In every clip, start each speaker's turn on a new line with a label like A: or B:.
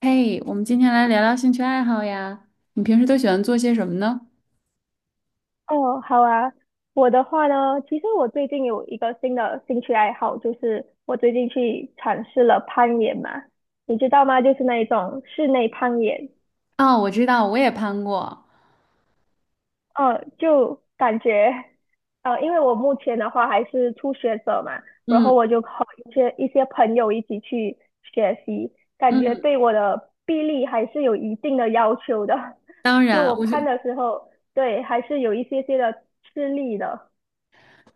A: 嘿，我们今天来聊聊兴趣爱好呀。你平时都喜欢做些什么呢？
B: 哦，好啊。我的话呢，其实我最近有一个新的兴趣爱好，就是我最近去尝试了攀岩嘛，你知道吗？就是那一种室内攀岩。
A: 哦，我知道，我也攀过。
B: 就感觉，因为我目前的话还是初学者嘛，然
A: 嗯
B: 后我就和一些朋友一起去学习，感觉
A: 嗯，
B: 对我的臂力还是有一定的要求的。
A: 当
B: 就
A: 然，
B: 我攀的时候，对，还是有一些些的吃力的。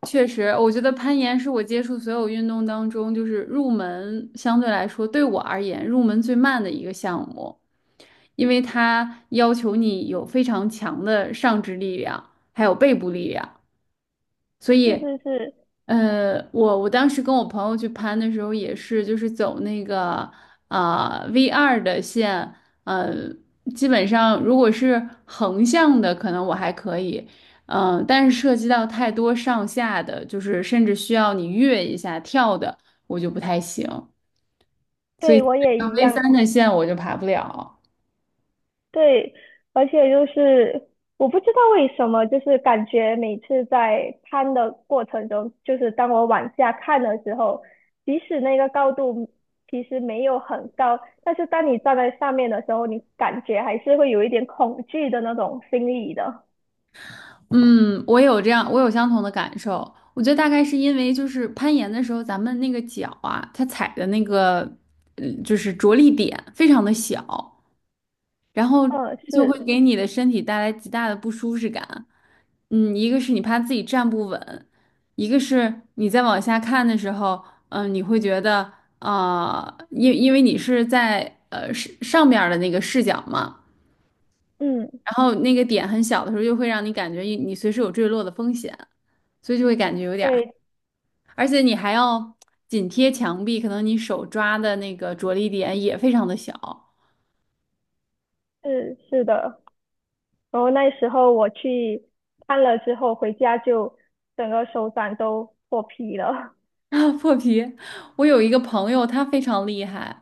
A: 我觉得攀岩是我接触所有运动当中，就是入门相对来说对我而言入门最慢的一个项目，因为它要求你有非常强的上肢力量，还有背部力量。所
B: 是
A: 以，
B: 是是。
A: 我当时跟我朋友去攀的时候，也是就是走那个V2的线，呃，基本上如果是横向的，可能我还可以，但是涉及到太多上下的，就是甚至需要你跃一下跳的，我就不太行。
B: 对，我也
A: 那
B: 一
A: V
B: 样。
A: 三的线我就爬不了。
B: 对，而且就是我不知道为什么，就是感觉每次在攀的过程中，就是当我往下看的时候，即使那个高度其实没有很高，但是当你站在上面的时候，你感觉还是会有一点恐惧的那种心理的。
A: 嗯，我有这样，我有相同的感受。我觉得大概是因为就是攀岩的时候，咱们那个脚啊，它踩的那个，就是着力点非常的小，然后
B: 嗯，
A: 就会
B: 是，
A: 给你的身体带来极大的不舒适感。嗯，一个是你怕自己站不稳，一个是你在往下看的时候，你会觉得因为你是在上面的那个视角嘛。
B: 嗯，
A: 然后那个点很小的时候，就会让你感觉你随时有坠落的风险，所以就会感觉有点儿，
B: 对，
A: 而且你还要紧贴墙壁，可能你手抓的那个着力点也非常的小。
B: 是是的。然后那时候我去看了之后，回家就整个手掌都破皮了。
A: 啊，破皮！我有一个朋友，他非常厉害。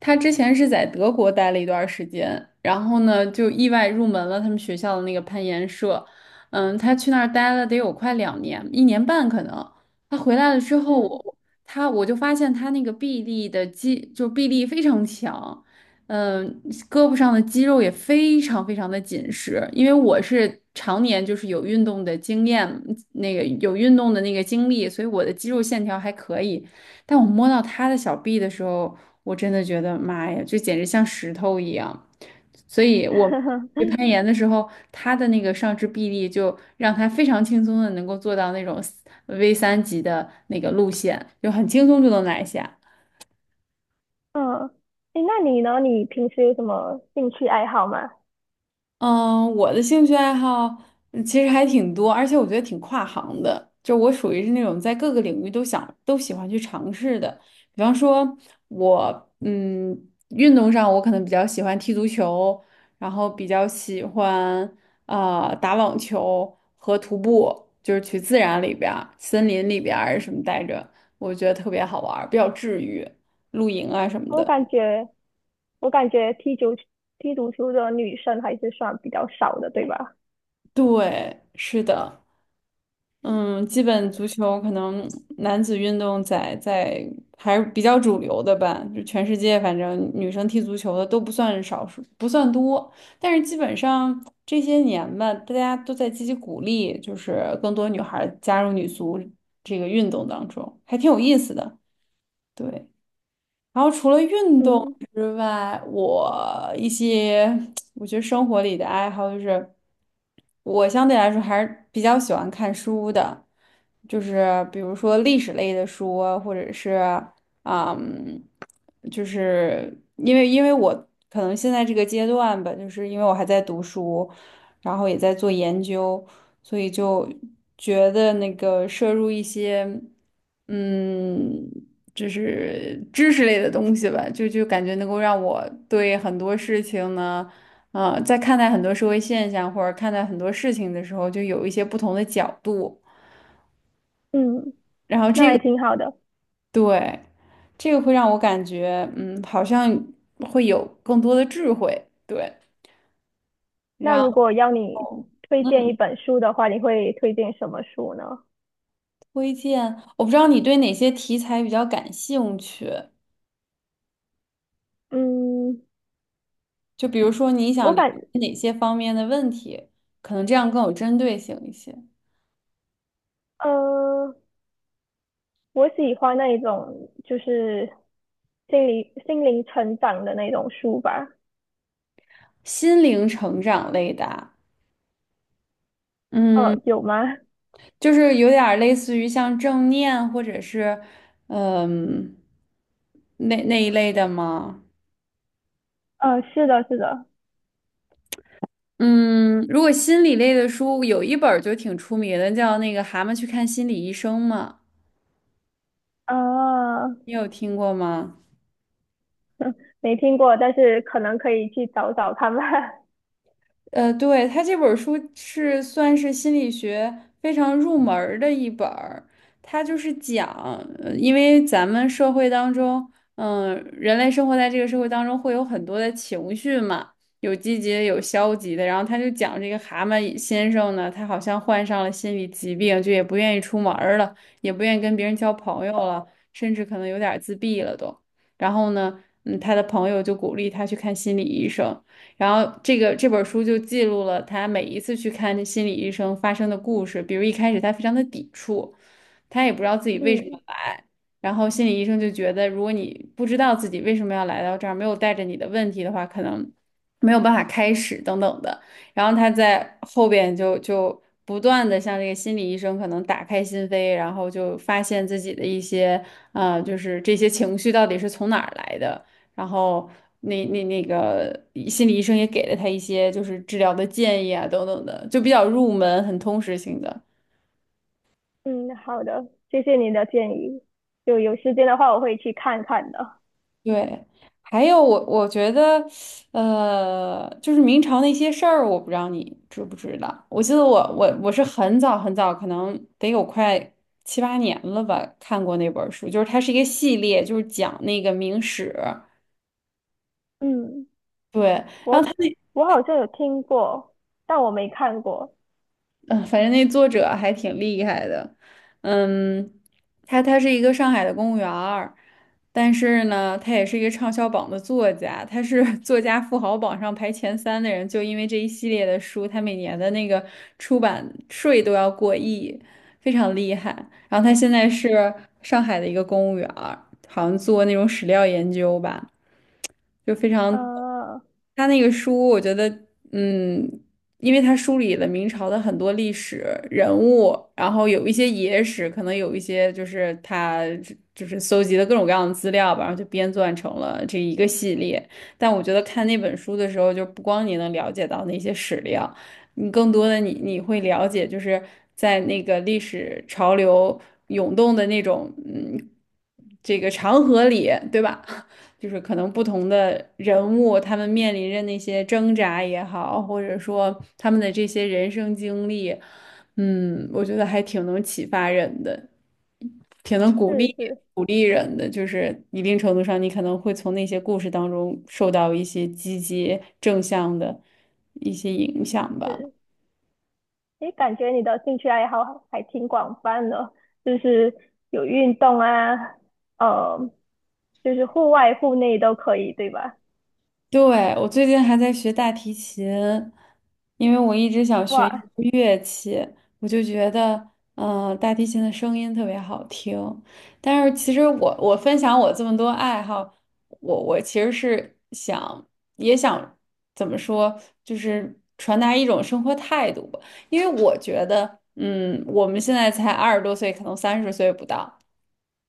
A: 他之前是在德国待了一段儿时间，然后呢，就意外入门了他们学校的那个攀岩社。嗯，他去那儿待了得有快2年，1年半可能。他回来了之 后，
B: 嗯。
A: 我就发现他那个臂力的肌，就臂力非常强。嗯，胳膊上的肌肉也非常非常的紧实，因为我是常年就是有运动的经验，那个有运动的那个经历，所以我的肌肉线条还可以。但我摸到他的小臂的时候，我真的觉得妈呀，就简直像石头一样。所以我去 攀岩的时候，他的那个上肢臂力就让他非常轻松的能够做到那种 V3级的那个路线，就很轻松就能拿下。
B: 嗯，诶，那你呢？你平时有什么兴趣爱好吗？
A: 嗯，我的兴趣爱好其实还挺多，而且我觉得挺跨行的。就我属于是那种在各个领域都喜欢去尝试的。比方说我，嗯，运动上我可能比较喜欢踢足球，然后比较喜欢打网球和徒步，就是去自然里边儿、森林里边儿什么待着，我觉得特别好玩儿比较治愈，露营啊什么
B: 我
A: 的。
B: 感觉，我感觉踢足球的女生还是算比较少的，对吧？
A: 对，是的。嗯，基本足球可能男子运动在还是比较主流的吧，就全世界反正女生踢足球的都不算少数，不算多，但是基本上这些年吧，大家都在积极鼓励，就是更多女孩儿加入女足这个运动当中，还挺有意思的。对。然后除了运动
B: 嗯
A: 之外，我一些我觉得生活里的爱好就是，我相对来说还是比较喜欢看书的，就是比如说历史类的书啊或者是嗯，因为我可能现在这个阶段吧，就是因为我还在读书，然后也在做研究，所以就觉得那个摄入一些。嗯，就是知识类的东西吧，就感觉能够让我对很多事情呢，啊，在看待很多社会现象或者看待很多事情的时候，就有一些不同的角度。
B: 嗯，
A: 然后
B: 那
A: 这个
B: 还挺好的。
A: 对，这个会让我感觉，嗯，好像会有更多的智慧。对，
B: 那
A: 然
B: 如
A: 后
B: 果要你推荐
A: 嗯，
B: 一本书的话，你会推荐什么书呢？
A: 推荐，我不知道你对哪些题材比较感兴趣，
B: 嗯，
A: 就比如说你想
B: 我
A: 了
B: 感，
A: 解哪些方面的问题，可能这样更有针对性一些。
B: 呃，我喜欢那一种就是心灵成长的那种书吧。
A: 心灵成长类的啊嗯，
B: 有吗？
A: 就是有点儿类似于像正念或者是嗯那一类的吗？
B: 是的，是的。
A: 嗯，如果心理类的书，有一本儿就挺出名的，叫那个《蛤蟆去看心理医生》嘛，
B: 啊，
A: 你有听过吗？
B: 没听过，但是可能可以去找找看吧。
A: 呃，对，他这本儿书是算是心理学非常入门儿的一本儿，它就是讲，因为咱们社会当中，人类生活在这个社会当中会有很多的情绪嘛，有积极的，有消极的，然后他就讲这个蛤蟆先生呢，他好像患上了心理疾病，就也不愿意出门儿了，也不愿意跟别人交朋友了，甚至可能有点儿自闭了都。然后呢，嗯，他的朋友就鼓励他去看心理医生。然后这本书就记录了他每一次去看心理医生发生的故事，比如一开始他非常的抵触，他也不知道自己 为什么
B: 嗯
A: 来，然后心理医生就觉得，如果你不知道自己为什么要来到这儿，没有带着你的问题的话，可能没有办法开始等等的。然后他在后边就不断的向这个心理医生可能打开心扉，然后就发现自己的一些啊，就是这些情绪到底是从哪儿来的。然后那个心理医生也给了他一些就是治疗的建议啊等等的，就比较入门，很通识性的。
B: 嗯，好的，谢谢你的建议。就有时间的话，我会去看看的。
A: 对，还有我觉得，呃，就是明朝那些事儿，我不知道你知不知道。我记得我是很早很早，可能得有快7、8年了吧，看过那本儿书，就是它是一个系列，就是讲那个明史。
B: 嗯，
A: 对，然后他
B: 我我好像有听过，但我没看过。
A: 嗯，反正那作者还挺厉害的，嗯，他他是一个上海的公务员儿但是呢，他也是一个畅销榜的作家，他是 作家富豪榜上排前3的人，就因为这一系列的书，他每年的那个出版税都要过亿，非常厉害。然后他现在是上海的一个公务员儿好像做那种史料研究吧。就非常。
B: 呃，
A: 他那个书，我觉得，嗯，因为他梳理了明朝的很多历史人物，然后有一些野史，可能有一些就是他就是搜集的各种各样的资料吧，然后就编撰成了这一个系列。但我觉得看那本书的时候，就不光你能了解到那些史料，你更多的你会了解，就是在那个历史潮流涌动的那种，嗯，这个长河里，对吧？就是可能不同的人物，他们面临着那些挣扎也好，或者说他们的这些人生经历，嗯，我觉得还挺能启发人的，挺能鼓
B: 是
A: 励
B: 是
A: 鼓励人的。就是一定程度上，你可能会从那些故事当中受到一些积极正向的一些影响吧。
B: 是，诶，感觉你的兴趣爱好还挺广泛的，就是有运动啊，呃，就是户外、户内都可以，对吧？
A: 对，我最近还在学大提琴，因为我一直想学一
B: 哇，
A: 门乐器，我就觉得，大提琴的声音特别好听。但是其实我分享我这么多爱好，我其实是想也想怎么说，就是传达一种生活态度吧。因为我觉得，嗯，我们现在才20多岁，可能30岁不到。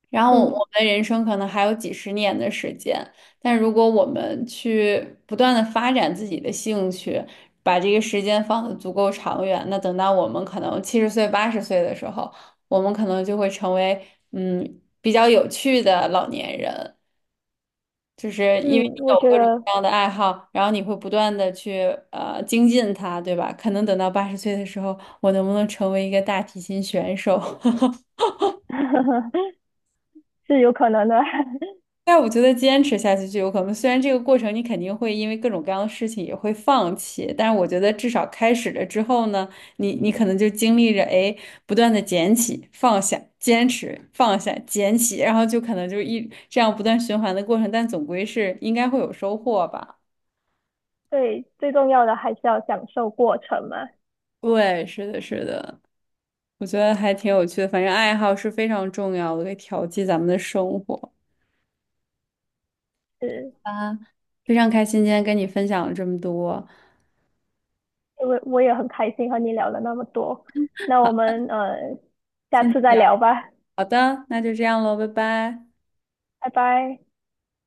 A: 然后我
B: 嗯
A: 们人生可能还有几十年的时间，但如果我们去不断的发展自己的兴趣，把这个时间放得足够长远，那等到我们可能70岁、八十岁的时候，我们可能就会成为比较有趣的老年人，就是因为
B: 嗯，
A: 你
B: 我
A: 有
B: 觉
A: 各种各
B: 得
A: 样的爱好，然后你会不断的去精进它，对吧？可能等到八十岁的时候，我能不能成为一个大提琴选手？
B: 是有可能的。
A: 但我觉得坚持下去就有可能。虽然这个过程你肯定会因为各种各样的事情也会放弃，但是我觉得至少开始了之后呢，你可能就经历着哎不断的捡起、放下、坚持、放下、捡起，然后就可能就一这样不断循环的过程，但总归是应该会有收获吧。
B: 对，最重要的还是要享受过程嘛。
A: 对，是的，是的，我觉得还挺有趣的。反正爱好是非常重要的，可以调剂咱们的生活
B: 是，
A: 啊。非常开心今天跟你分享了这么多，
B: 因为我也很开心和你聊了那么多。那我们下
A: 今
B: 次再
A: 天。
B: 聊吧，
A: 好的，那就这样喽，拜拜。
B: 拜拜。